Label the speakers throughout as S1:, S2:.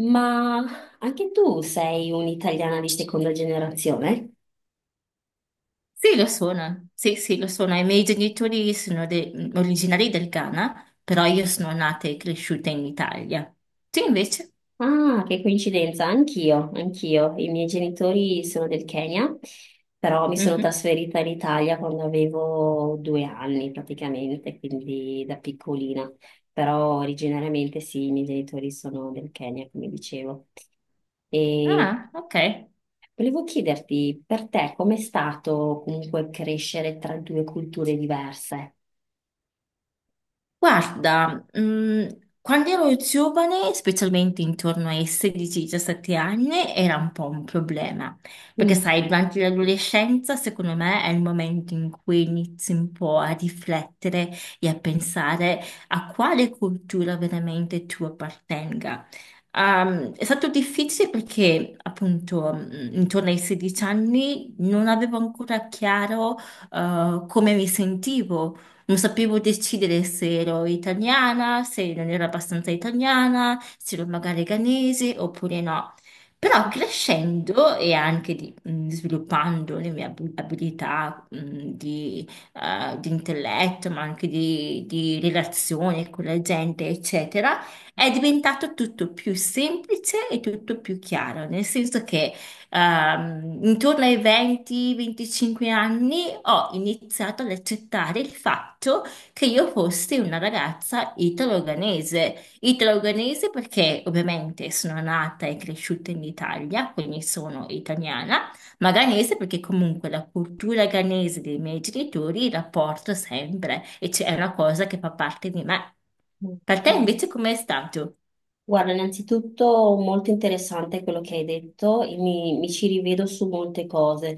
S1: Ma anche tu sei un'italiana di seconda generazione?
S2: Sì, lo sono, sì, sì, lo sono. I miei genitori sono originari del Ghana, però io sono nata e cresciuta in Italia. Tu invece?
S1: Ah, che coincidenza, anch'io. I miei genitori sono del Kenya, però mi sono
S2: Mhm.
S1: trasferita in Italia quando avevo due anni praticamente, quindi da piccolina. Però originariamente sì, i miei genitori sono del Kenya, come dicevo. E
S2: Ah, ok.
S1: volevo chiederti, per te, com'è stato comunque crescere tra due culture diverse?
S2: Guarda, quando ero giovane, specialmente intorno ai 16-17 anni, era un po' un problema, perché
S1: Mm,
S2: sai, durante l'adolescenza, secondo me, è il momento in cui inizi un po' a riflettere e a pensare a quale cultura veramente tu appartenga. È stato difficile perché appunto intorno ai 16 anni non avevo ancora chiaro come mi sentivo. Non sapevo decidere se ero italiana, se non ero abbastanza italiana, se ero magari ghanese oppure no. Però crescendo e anche sviluppando le mie abilità di, di intelletto, ma anche di relazione con la gente, eccetera, è diventato tutto più semplice e tutto più chiaro, nel senso che intorno ai 20-25 anni ho iniziato ad accettare il fatto che io fossi una ragazza italo-organese. Italo-organese perché ovviamente sono nata e cresciuta in Italia, quindi sono italiana, ma ghanese perché comunque la cultura ghanese dei miei genitori la porto sempre e c'è una cosa che fa parte di me.
S1: mm,
S2: Per te
S1: mm.
S2: invece com'è stato?
S1: Guarda, innanzitutto molto interessante quello che hai detto e mi ci rivedo su molte cose.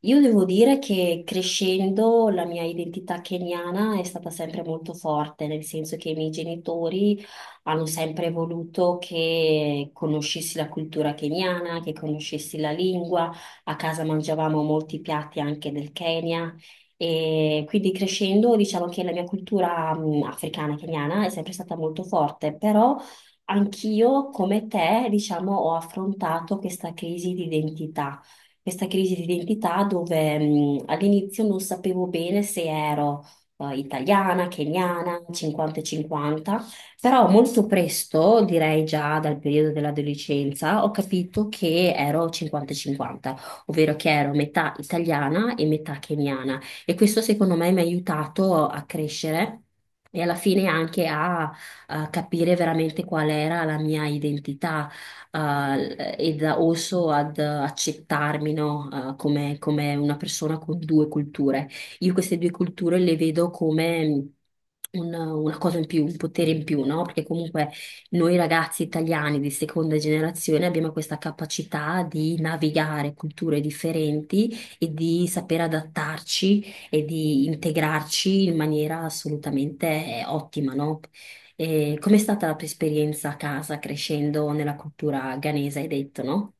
S1: Io devo dire che crescendo la mia identità keniana è stata sempre molto forte, nel senso che i miei genitori hanno sempre voluto che conoscessi la cultura keniana, che conoscessi la lingua. A casa mangiavamo molti piatti anche del Kenya. E quindi crescendo, diciamo che la mia cultura, africana, keniana è sempre stata molto forte, però anch'io, come te, diciamo, ho affrontato questa crisi di identità, questa crisi di identità dove all'inizio non sapevo bene se ero italiana, keniana, 50 e 50, però molto presto, direi già dal periodo dell'adolescenza, ho capito che ero 50 e 50, ovvero che ero metà italiana e metà keniana e questo secondo me mi ha aiutato a crescere. E alla fine anche a capire veramente qual era la mia identità ed also ad accettarmi, no? Come una persona con due culture. Io queste due culture le vedo come una cosa in più, un potere in più, no? Perché comunque noi ragazzi italiani di seconda generazione abbiamo questa capacità di navigare culture differenti e di saper adattarci e di integrarci in maniera assolutamente ottima, no? E com'è stata la tua esperienza a casa crescendo nella cultura ghanese, hai detto, no?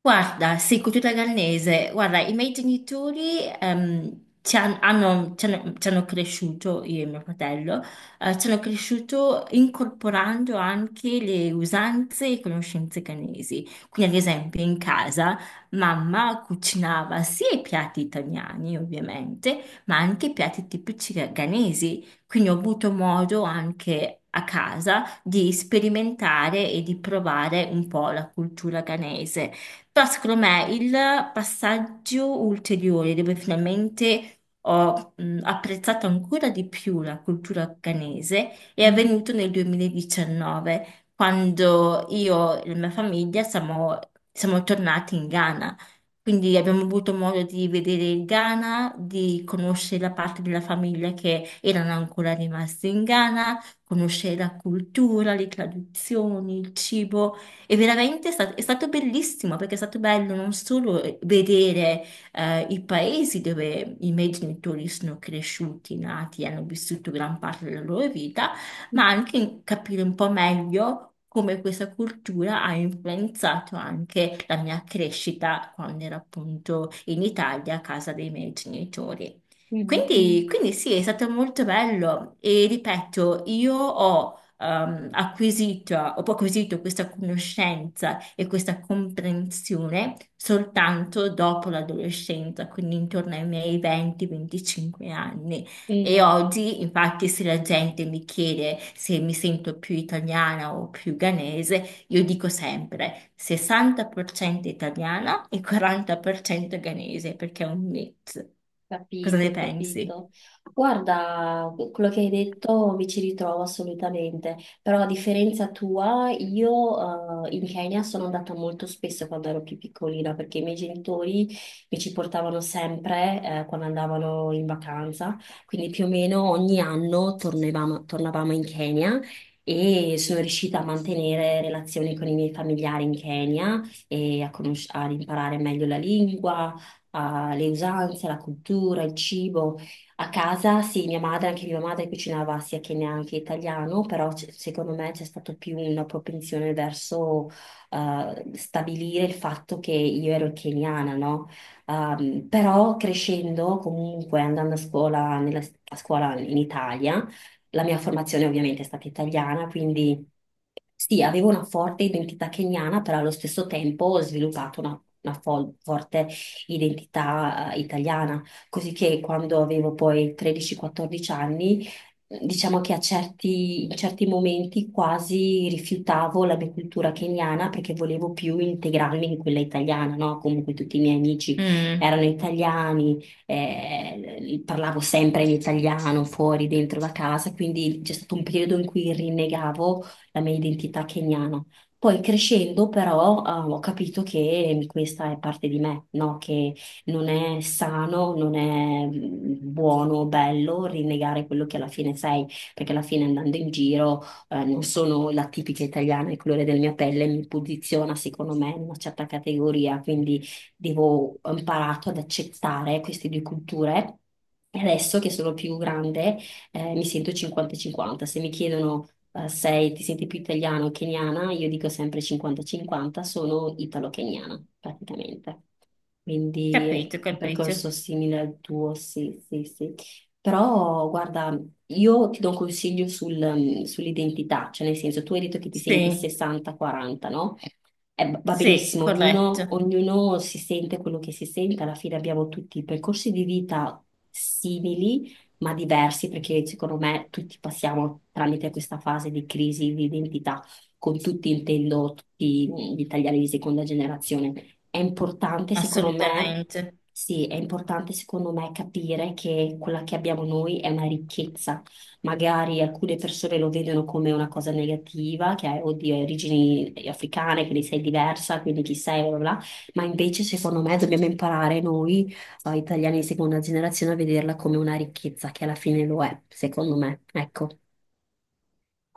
S2: Guarda, sì, cultura gallese. Guarda, i miei genitori ci han- hanno, ci hanno- ci hanno cresciuto, io e mio fratello, ci hanno cresciuto incorporando anche le usanze e conoscenze ghanesi. Quindi, ad esempio, in casa mamma cucinava sia i piatti italiani, ovviamente, ma anche i piatti tipici ghanesi. Quindi ho avuto modo anche a casa di sperimentare e di provare un po' la cultura ghanese. Però secondo me il passaggio ulteriore dove finalmente ho apprezzato ancora di più la cultura afghanese è
S1: Mm,
S2: avvenuto nel 2019, quando io e la mia famiglia siamo tornati in Ghana. Quindi abbiamo avuto modo di vedere il Ghana, di conoscere la parte della famiglia che erano ancora rimasti in Ghana, conoscere la cultura, le tradizioni, il cibo. E veramente è stato bellissimo perché è stato bello non solo vedere i paesi dove i miei genitori sono cresciuti, nati, hanno vissuto gran parte della loro vita, ma anche capire un po' meglio come questa cultura ha influenzato anche la mia crescita quando ero appunto in Italia a casa dei miei genitori.
S1: mm,
S2: Quindi,
S1: mm.
S2: quindi sì, è stato molto bello e ripeto, io ho ho acquisito questa conoscenza e questa comprensione soltanto dopo l'adolescenza, quindi intorno ai miei 20-25 anni. E
S1: Mm.
S2: oggi, infatti, se la gente mi chiede se mi sento più italiana o più ghanese, io dico sempre 60% italiana e 40% ghanese, perché è un mix. Cosa ne
S1: Capito,
S2: pensi?
S1: capito. Guarda, quello che hai detto mi ci ritrovo assolutamente, però a differenza tua, io in Kenya sono andata molto spesso quando ero più piccolina perché i miei genitori mi ci portavano sempre quando andavano in vacanza, quindi più o meno ogni anno tornavamo in Kenya e sono riuscita a mantenere relazioni con i miei familiari in Kenya e a ad imparare meglio la lingua alle usanze, alla cultura, al cibo. A casa, sì, anche mia madre cucinava sia che neanche italiano, però secondo me c'è stata più una propensione verso stabilire il fatto che io ero keniana, no? Però crescendo, comunque andando a scuola, a scuola in Italia, la mia formazione ovviamente è stata italiana, quindi sì, avevo una forte identità keniana, però allo stesso tempo ho sviluppato una forte identità italiana, così che quando avevo poi 13-14 anni, diciamo che in certi momenti quasi rifiutavo la mia cultura keniana perché volevo più integrarmi in quella italiana, no? Comunque tutti i miei amici
S2: Mm,
S1: erano italiani, parlavo sempre in italiano fuori, dentro la casa, quindi c'è stato un periodo in cui rinnegavo la mia identità keniana. Poi crescendo però ho capito che questa è parte di me, no? Che non è sano, non è buono, bello rinnegare quello che alla fine sei, perché alla fine andando in giro non sono la tipica italiana, il colore della mia pelle mi posiziona secondo me in una certa categoria, quindi ho imparato ad accettare queste due culture. E adesso che sono più grande, mi sento 50-50. Se mi chiedono, ti senti più italiana o keniana, io dico sempre 50-50, sono italo-keniana praticamente. Quindi è
S2: capito,
S1: un
S2: capito.
S1: percorso simile al tuo, sì. Però guarda, io ti do un consiglio sull'identità, cioè nel senso tu hai detto che ti senti
S2: Sì.
S1: 60-40, no? Va
S2: Sì,
S1: benissimo, ognuno,
S2: corretto,
S1: ognuno si sente quello che si sente, alla fine abbiamo tutti percorsi di vita simili ma diversi, perché secondo me tutti passiamo tramite questa fase di crisi di identità, con tutti intendo tutti gli italiani di seconda generazione. È importante, secondo me,
S2: assolutamente.
S1: sì, è importante, secondo me, capire che quella che abbiamo noi è una ricchezza. Magari alcune persone lo vedono come una cosa negativa, che hai, oddio, hai origini africane, quindi sei diversa, quindi chi sei, bla bla, bla. Ma invece, secondo me, dobbiamo imparare noi o italiani di seconda generazione a vederla come una ricchezza, che alla fine lo è, secondo me. Ecco.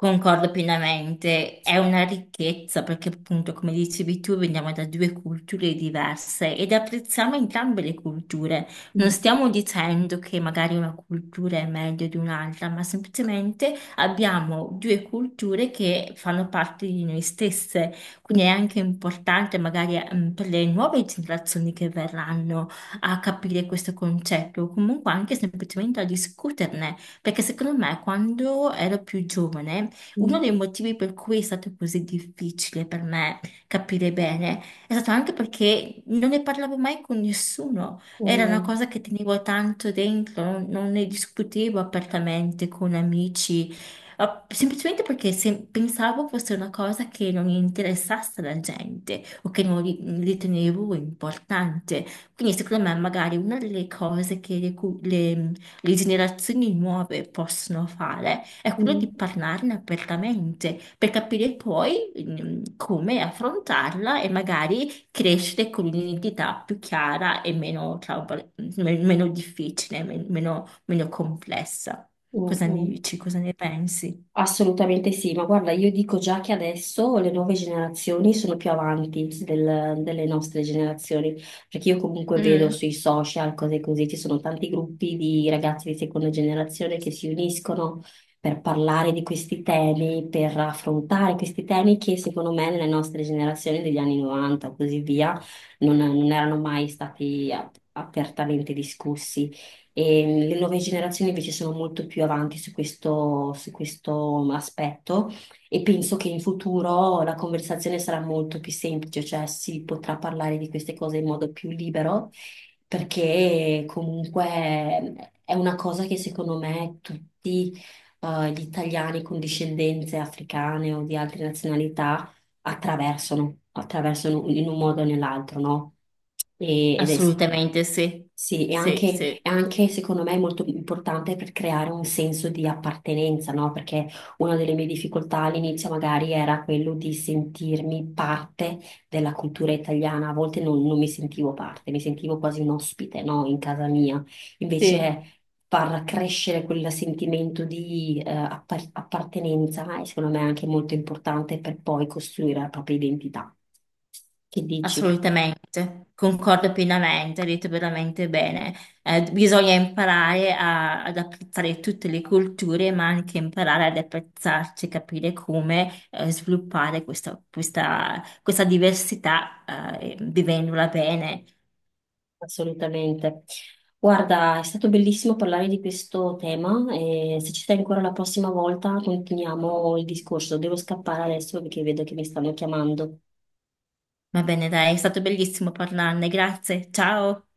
S2: Concordo pienamente, è una ricchezza perché appunto, come dicevi tu, veniamo da due culture diverse ed apprezziamo entrambe le culture. Non
S1: Mm,
S2: stiamo dicendo che magari una cultura è meglio di un'altra, ma semplicemente abbiamo due culture che fanno parte di noi stesse. Quindi è
S1: mm,
S2: anche importante magari per le nuove generazioni che verranno a capire questo concetto, o comunque anche semplicemente a discuterne. Perché secondo me quando ero più giovane uno
S1: mm,
S2: dei motivi per cui è stato così difficile per me capire bene è stato anche perché non ne parlavo mai con nessuno. Era una
S1: mm,
S2: cosa che tenevo tanto dentro, non ne discutevo apertamente con amici, semplicemente perché pensavo fosse una cosa che non interessasse la gente o che non ritenevo importante. Quindi secondo me magari una delle cose che le, cu- le generazioni nuove possono fare è quello di
S1: mm,
S2: parlarne apertamente per capire poi come affrontarla e magari crescere con un'identità più chiara e meno difficile, meno complessa.
S1: mm,
S2: Cosa ne
S1: mm.
S2: dici? Cosa ne pensi?
S1: Assolutamente sì, ma guarda, io dico già che adesso le nuove generazioni sono più avanti delle nostre generazioni, perché io comunque vedo
S2: Mm,
S1: sui social cose così, ci sono tanti gruppi di ragazzi di seconda generazione che si uniscono per parlare di questi temi, per affrontare questi temi che secondo me nelle nostre generazioni degli anni 90 o così via non erano mai stati apertamente discussi. E le nuove generazioni invece sono molto più avanti su questo aspetto e penso che in futuro la conversazione sarà molto più semplice, cioè si potrà parlare di queste cose in modo più libero, perché comunque è una cosa che secondo me tutti gli italiani con discendenze africane o di altre nazionalità attraversano in un modo o nell'altro, no? Ed è,
S2: assolutamente sì.
S1: sì,
S2: Sì, sì,
S1: è anche, secondo me molto importante per creare un senso di appartenenza, no? Perché una delle mie difficoltà all'inizio magari era quello di sentirmi parte della cultura italiana, a volte non mi sentivo parte, mi sentivo quasi un ospite, no? In casa mia.
S2: sì.
S1: Invece far crescere quel sentimento di appartenenza e secondo me è anche molto importante per poi costruire la propria identità. Che dici?
S2: Assolutamente, concordo pienamente, hai detto veramente bene. Bisogna imparare ad apprezzare tutte le culture, ma anche imparare ad apprezzarci, capire come sviluppare questa, questa diversità vivendola bene.
S1: Assolutamente. Guarda, è stato bellissimo parlare di questo tema e se ci sei ancora la prossima volta continuiamo il discorso. Devo scappare adesso perché vedo che mi stanno chiamando.
S2: Va bene, dai, è stato bellissimo parlarne, grazie, ciao.